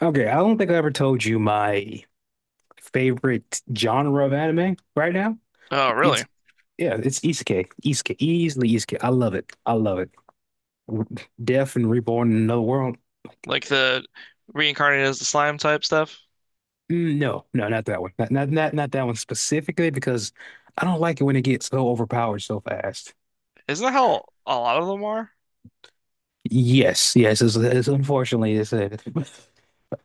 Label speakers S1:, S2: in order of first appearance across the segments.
S1: Okay, I don't think I ever told you my favorite genre of anime right now.
S2: Oh, really?
S1: It's Yeah, it's isekai. Isekai, easily isekai. I love it. I love it. Death and Reborn in Another World.
S2: Like the reincarnated as the slime type stuff?
S1: No, no, not that one. Not that one specifically because I don't like it when it gets so overpowered so fast.
S2: Isn't that how a lot of them are?
S1: Yes, yes, it's unfortunately it.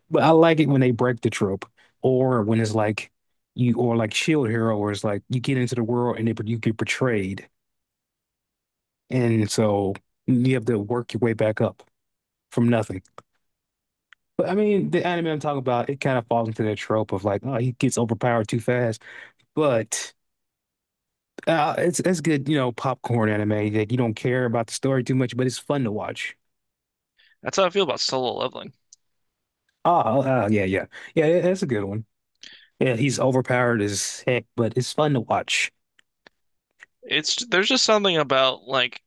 S1: But I like it when they break the trope or when it's like you or like Shield Hero where it's like you get into the world and you get betrayed. And so you have to work your way back up from nothing. But I mean, the anime I'm talking about, it kind of falls into that trope of like, oh, he gets overpowered too fast. But it's good, popcorn anime that you don't care about the story too much, but it's fun to watch.
S2: That's how I feel about solo leveling.
S1: Oh, yeah, yeah, yeah. That's a good one. Yeah, he's overpowered as heck, but it's fun to watch.
S2: It's there's just something about like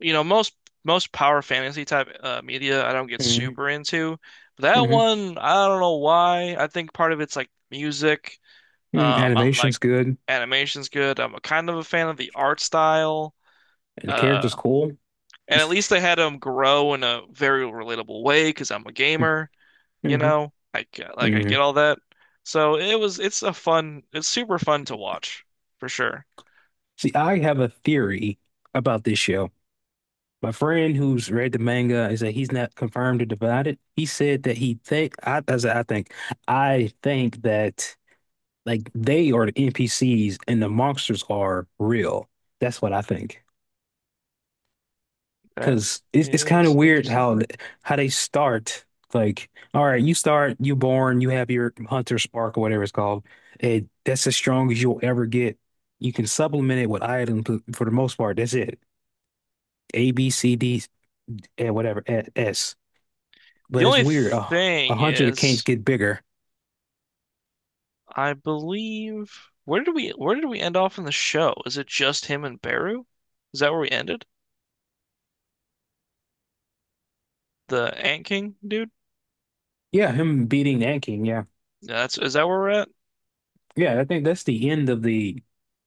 S2: you know most most power fantasy type media I don't get
S1: hmm
S2: super into. But that
S1: hmm
S2: one I don't know why. I think part of it's like music. I like
S1: Animation's good, and
S2: animation's good. I'm a kind of a fan of the art style.
S1: the character's
S2: Uh,
S1: cool.
S2: and at least they had them grow in a very relatable way because I'm a gamer. You
S1: Hmm.
S2: know? I get I
S1: Hmm.
S2: get all that. So it's a fun it's super fun to watch for sure.
S1: See, I have a theory about this show. My friend who's read the manga is that he's not confirmed or it. He said that he think I think that like they are the NPCs and the monsters are real. That's what I think.
S2: That
S1: Because it's kind of
S2: is
S1: weird
S2: interesting
S1: how
S2: theory.
S1: they start. Like, all right, you start, you born, you have your hunter spark or whatever it's called. And that's as strong as you'll ever get. You can supplement it with items for the most part. That's it. A, B, C, D, and whatever, S.
S2: The
S1: But it's
S2: only
S1: weird. Oh, a
S2: thing
S1: 100 of kings
S2: is
S1: get bigger.
S2: I believe where did we end off in the show? Is it just him and Beru? Is that where we ended? The Ant King dude?
S1: Yeah, him beating that king. Yeah,
S2: Yeah, that's, is that where we're at?
S1: yeah. I think that's the end of the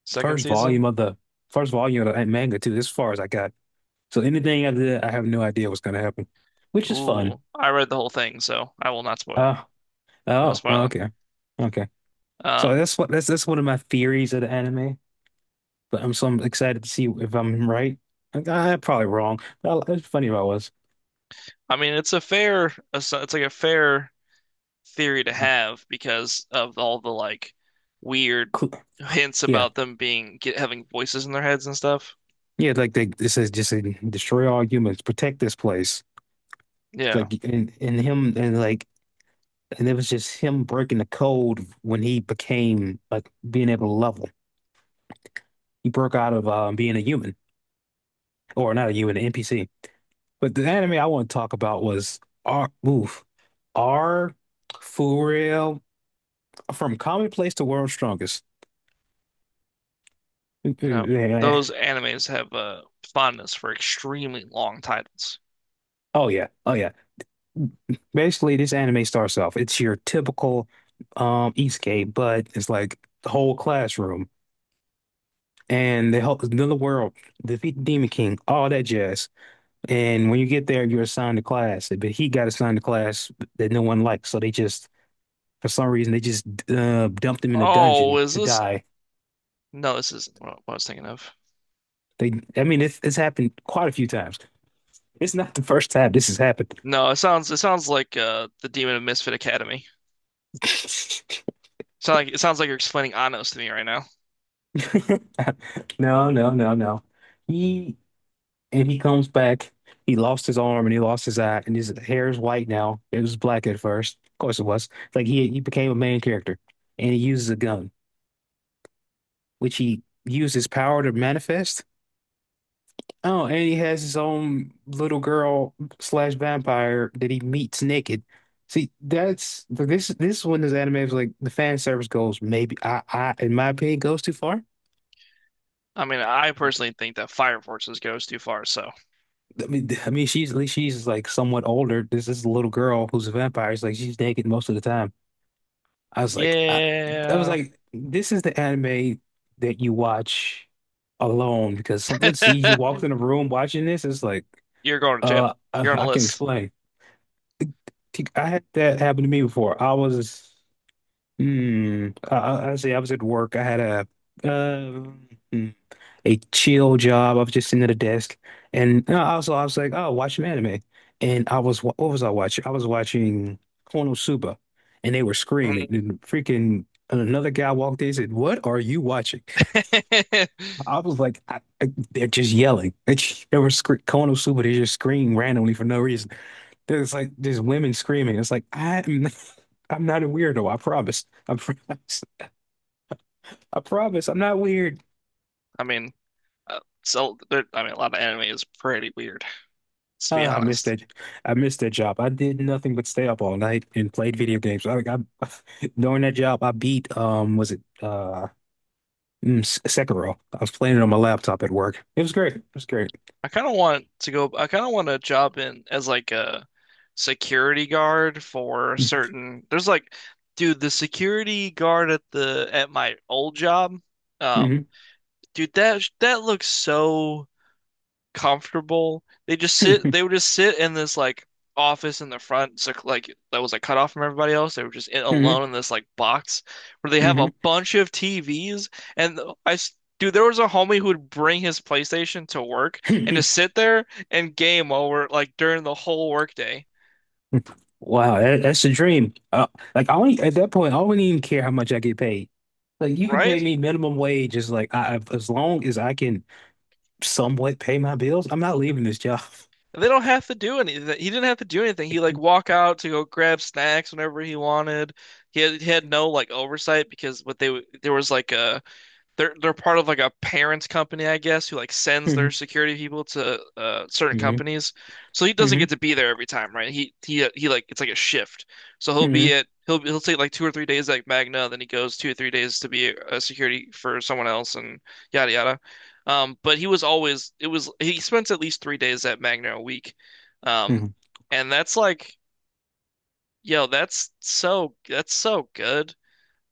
S2: Second
S1: first
S2: season?
S1: volume of the first volume of that manga too. As far as I got. So anything after that, I have no idea what's gonna happen, which is fun.
S2: Ooh, I read the whole thing, so I will not spoil.
S1: Uh,
S2: No
S1: oh,
S2: spoiling.
S1: okay, okay. So
S2: Um,
S1: that's one of my theories of the anime. But I'm excited to see if I'm right. I am probably wrong. But it's funny if I was.
S2: I mean, it's a fair, it's like a fair theory to have because of all the like weird
S1: Cl-
S2: hints
S1: Yeah,
S2: about them having voices in their heads and stuff.
S1: yeah. Like it says, just destroy all humans, protect this place.
S2: Yeah,
S1: Like and him and like and it was just him breaking the code when he became like being able to level. He broke out of being a human, or not a human, an NPC. But the anime I want to talk about was R. Oof, R. For real, from commonplace to world's strongest.
S2: you know, those animes have a fondness for extremely long titles.
S1: Oh yeah, oh yeah. Basically, this anime starts off. It's your typical isekai, but it's like the whole classroom. And they help us know the world, defeat the Demon King, all that jazz. And when you get there, you're assigned a class, but he got assigned a class that no one likes. So they just, for some reason, they just dumped him in a
S2: Oh,
S1: dungeon
S2: is
S1: to
S2: this?
S1: die.
S2: No, this isn't what I was thinking of.
S1: I mean, it's happened quite a few times. It's not the first time this has happened.
S2: No, it sounds like the Demon of Misfit Academy. Sound like it sounds like you're explaining Anno's to me right now.
S1: No, no, no, no. He And he comes back. He lost his arm and he lost his eye, and his hair is white now. It was black at first. Of course it was. It's Like he became a main character. And he uses a gun, which he used his power to manifest. Oh, and he has his own little girl/vampire that he meets naked. See, that's this one, this anime is like the fan service goes, maybe I in my opinion, goes too far.
S2: I mean, I personally think that Fire Forces goes too far, so
S1: I mean, she's at least, she's like somewhat older. This is a little girl who's a vampire. It's like she's naked most of the time. I was like, I, I was
S2: yeah,
S1: like, this is the anime that you watch alone because someone sees you walk in a room watching this. It's like,
S2: you're going to jail.
S1: I,
S2: You're on a
S1: I can
S2: list.
S1: explain. I had that happen to me before. I say I was at work. I had a, uh, a chill job. I was just sitting at a desk, and also I was like, oh, watch some anime. And I was what was I watching? I was watching Konosuba, and they were screaming.
S2: Mm-hmm.
S1: And freaking another guy walked in and said, "What are you watching?" I was like, "They're just yelling. They were scre Konosuba. They just scream randomly for no reason. There's like there's women screaming. It's like I am, I'm not a weirdo. I promise. I promise. I promise. I'm not weird."
S2: I mean, I mean, a lot of anime is pretty weird, to be
S1: I missed
S2: honest.
S1: that. I missed that job. I did nothing but stay up all night and played video games. I during that job, I beat was it Sekiro? I was playing it on my laptop at work. It was great. It was great.
S2: I kind of want to go. I kind of want a job in as like a security guard for
S1: Hmm.
S2: certain. There's like, dude, the security guard at the at my old job. Um, dude, that looks so comfortable. They just sit,
S1: Hmm.
S2: they would just sit in this like office in the front, so like that was like cut off from everybody else. They were just in,
S1: Hmm.
S2: alone in this like box where they have a bunch of TVs. And I, s- dude, there was a homie who would bring his PlayStation to work and
S1: Hmm.
S2: just sit there and game over like during the whole workday,
S1: Wow, that's a dream. Like I only at that point, I wouldn't even care how much I get paid. Like you can pay
S2: right?
S1: me minimum wage, is like, as long as I can somewhat pay my bills, I'm not leaving this job.
S2: And they don't have to do anything. He didn't have to do anything. He like walk out to go grab snacks whenever he wanted. He had no like oversight because there was like a they're part of like a parents company, I guess, who like sends their
S1: Hmm.
S2: security people to certain
S1: Hmm.
S2: companies. So he doesn't
S1: Hmm.
S2: get to be there every time, right? He it's like a shift. So he'll be
S1: Hmm.
S2: at he'll take like 2 or 3 days like Magna, then he goes 2 or 3 days to be a security for someone else and yada yada. But he was always it was he spends at least 3 days at Magna a week, um, and that's like yo, that's so good.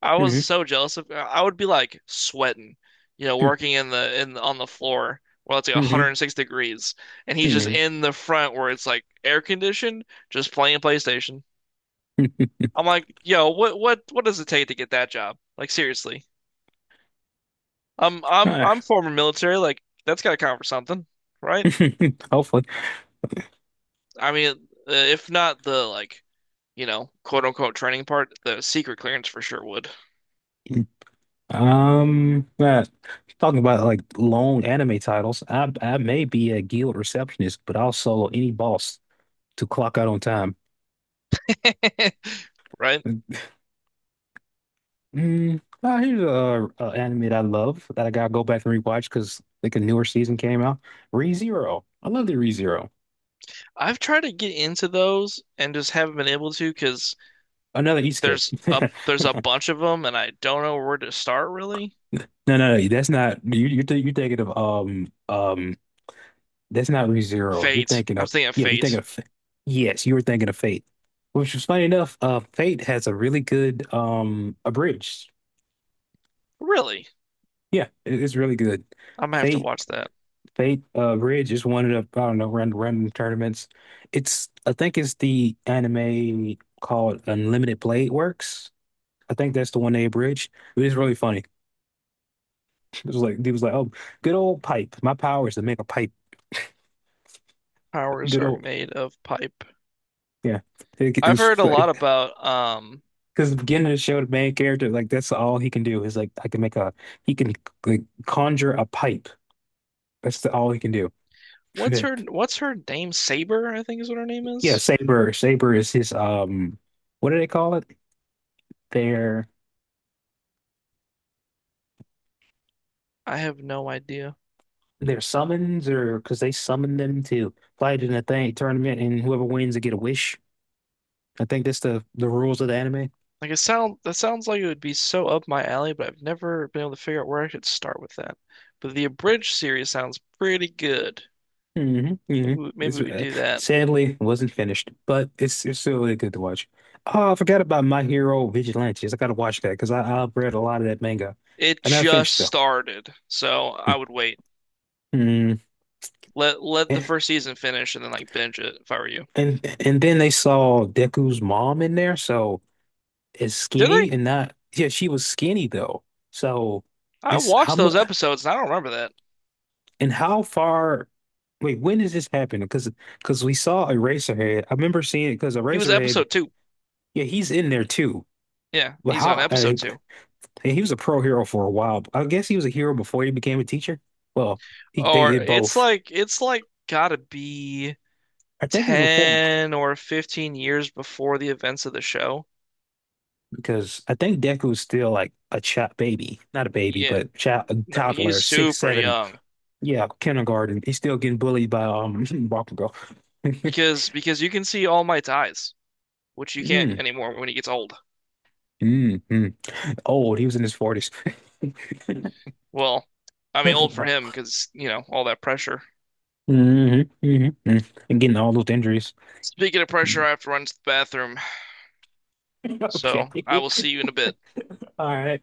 S2: I was
S1: Hmm.
S2: so jealous of I would be like sweating, you know,
S1: Mhm,
S2: working in the in on the floor where it's like
S1: mhm,
S2: 106 degrees and he's just
S1: mhm.
S2: in the front where it's like air conditioned, just playing PlayStation. I'm like, yo, what does it take to get that job? Like seriously. I'm I'm
S1: Ah,
S2: I'm former military, like that's gotta count for something, right?
S1: hopefully.
S2: I mean, if not the like, you know, quote unquote training part, the secret clearance for sure would,
S1: Um, uh, Talking about like long anime titles, I may be a guild receptionist, but also any boss to clock out on time.
S2: right?
S1: Here's a anime that I love that I gotta go back and rewatch because like a newer season came out. ReZero. I love the ReZero.
S2: I've tried to get into those and just haven't been able to because
S1: Another isekai.
S2: there's a bunch of them and I don't know where to start really.
S1: No, no, no, that's not you. You're thinking of. That's not ReZero. You're
S2: Fate.
S1: thinking
S2: I'm
S1: of,
S2: thinking of
S1: yeah, you're thinking
S2: Fate.
S1: of yes, you were thinking of Fate. Which is funny enough, Fate has a really good abridged.
S2: Really?
S1: Yeah, it's really good.
S2: I'm gonna have to
S1: Fate
S2: watch that.
S1: Fate Abridged is one of the, I don't know, random tournaments. It's I think it's the anime called Unlimited Blade Works. I think that's the one they abridged. It was really funny. It was like he was like, oh, good old pipe. My power is to make a pipe.
S2: Powers
S1: Good
S2: are
S1: old,
S2: made of pipe.
S1: yeah. It,
S2: I've
S1: it's
S2: heard a lot about
S1: because the beginning of the show, the main character, like, that's all he can do, is like, I can make a he can, like, conjure a pipe. That's all he can do.
S2: what's her name? Saber, I think is what her name
S1: Yeah,
S2: is.
S1: Saber. Saber is his, what do they call it? Their
S2: I have no idea.
S1: their summons, or because they summon them to fight in a thing tournament and whoever wins they get a wish. I think that's the rules of the anime.
S2: Like it sound that sounds like it would be so up my alley, but I've never been able to figure out where I should start with that. But the Abridged series sounds pretty good.
S1: Hmm. Hmm.
S2: Maybe
S1: It's,
S2: we do that.
S1: sadly wasn't finished, but it's still really good to watch. Oh, I forgot about My Hero Vigilantes. I gotta watch that because I've read a lot of that manga.
S2: It
S1: I never
S2: just
S1: finished though.
S2: started, so I would wait.
S1: Mm.
S2: Let the
S1: And,
S2: first season finish and then like binge it if I were you.
S1: and then they saw Deku's mom in there, so it's
S2: Did
S1: skinny
S2: they?
S1: and not, yeah, she was skinny though. So
S2: I
S1: this how
S2: watched
S1: mu
S2: those episodes and I don't remember that.
S1: and how far wait, when does this happen? Because we saw Eraserhead. I remember seeing it because
S2: He was
S1: Eraserhead,
S2: episode two.
S1: yeah, he's in there too.
S2: Yeah,
S1: But
S2: he's on
S1: how?
S2: episode two.
S1: Hey, he was a pro hero for a while. I guess he was a hero before he became a teacher. Well, he they
S2: Or
S1: did both.
S2: it's like gotta be
S1: I think it's before,
S2: 10 or 15 years before the events of the show.
S1: because I think Deku's still like a child baby, not a baby,
S2: Yeah.
S1: but child, a
S2: No, he's
S1: toddler, six,
S2: super
S1: seven,
S2: young
S1: yeah, kindergarten. He's still getting bullied by Bakugo.
S2: because you can see All my eyes, which you can't
S1: Mm,
S2: anymore when he gets old.
S1: mm, mm. Old, he was in his 40s.
S2: Well, I mean old for him because, you know, all that pressure.
S1: Hmm. Hmm. And getting all those injuries.
S2: Speaking of pressure,
S1: Mm.
S2: I have to run to the bathroom,
S1: Okay.
S2: so I will see you in a bit.
S1: All right.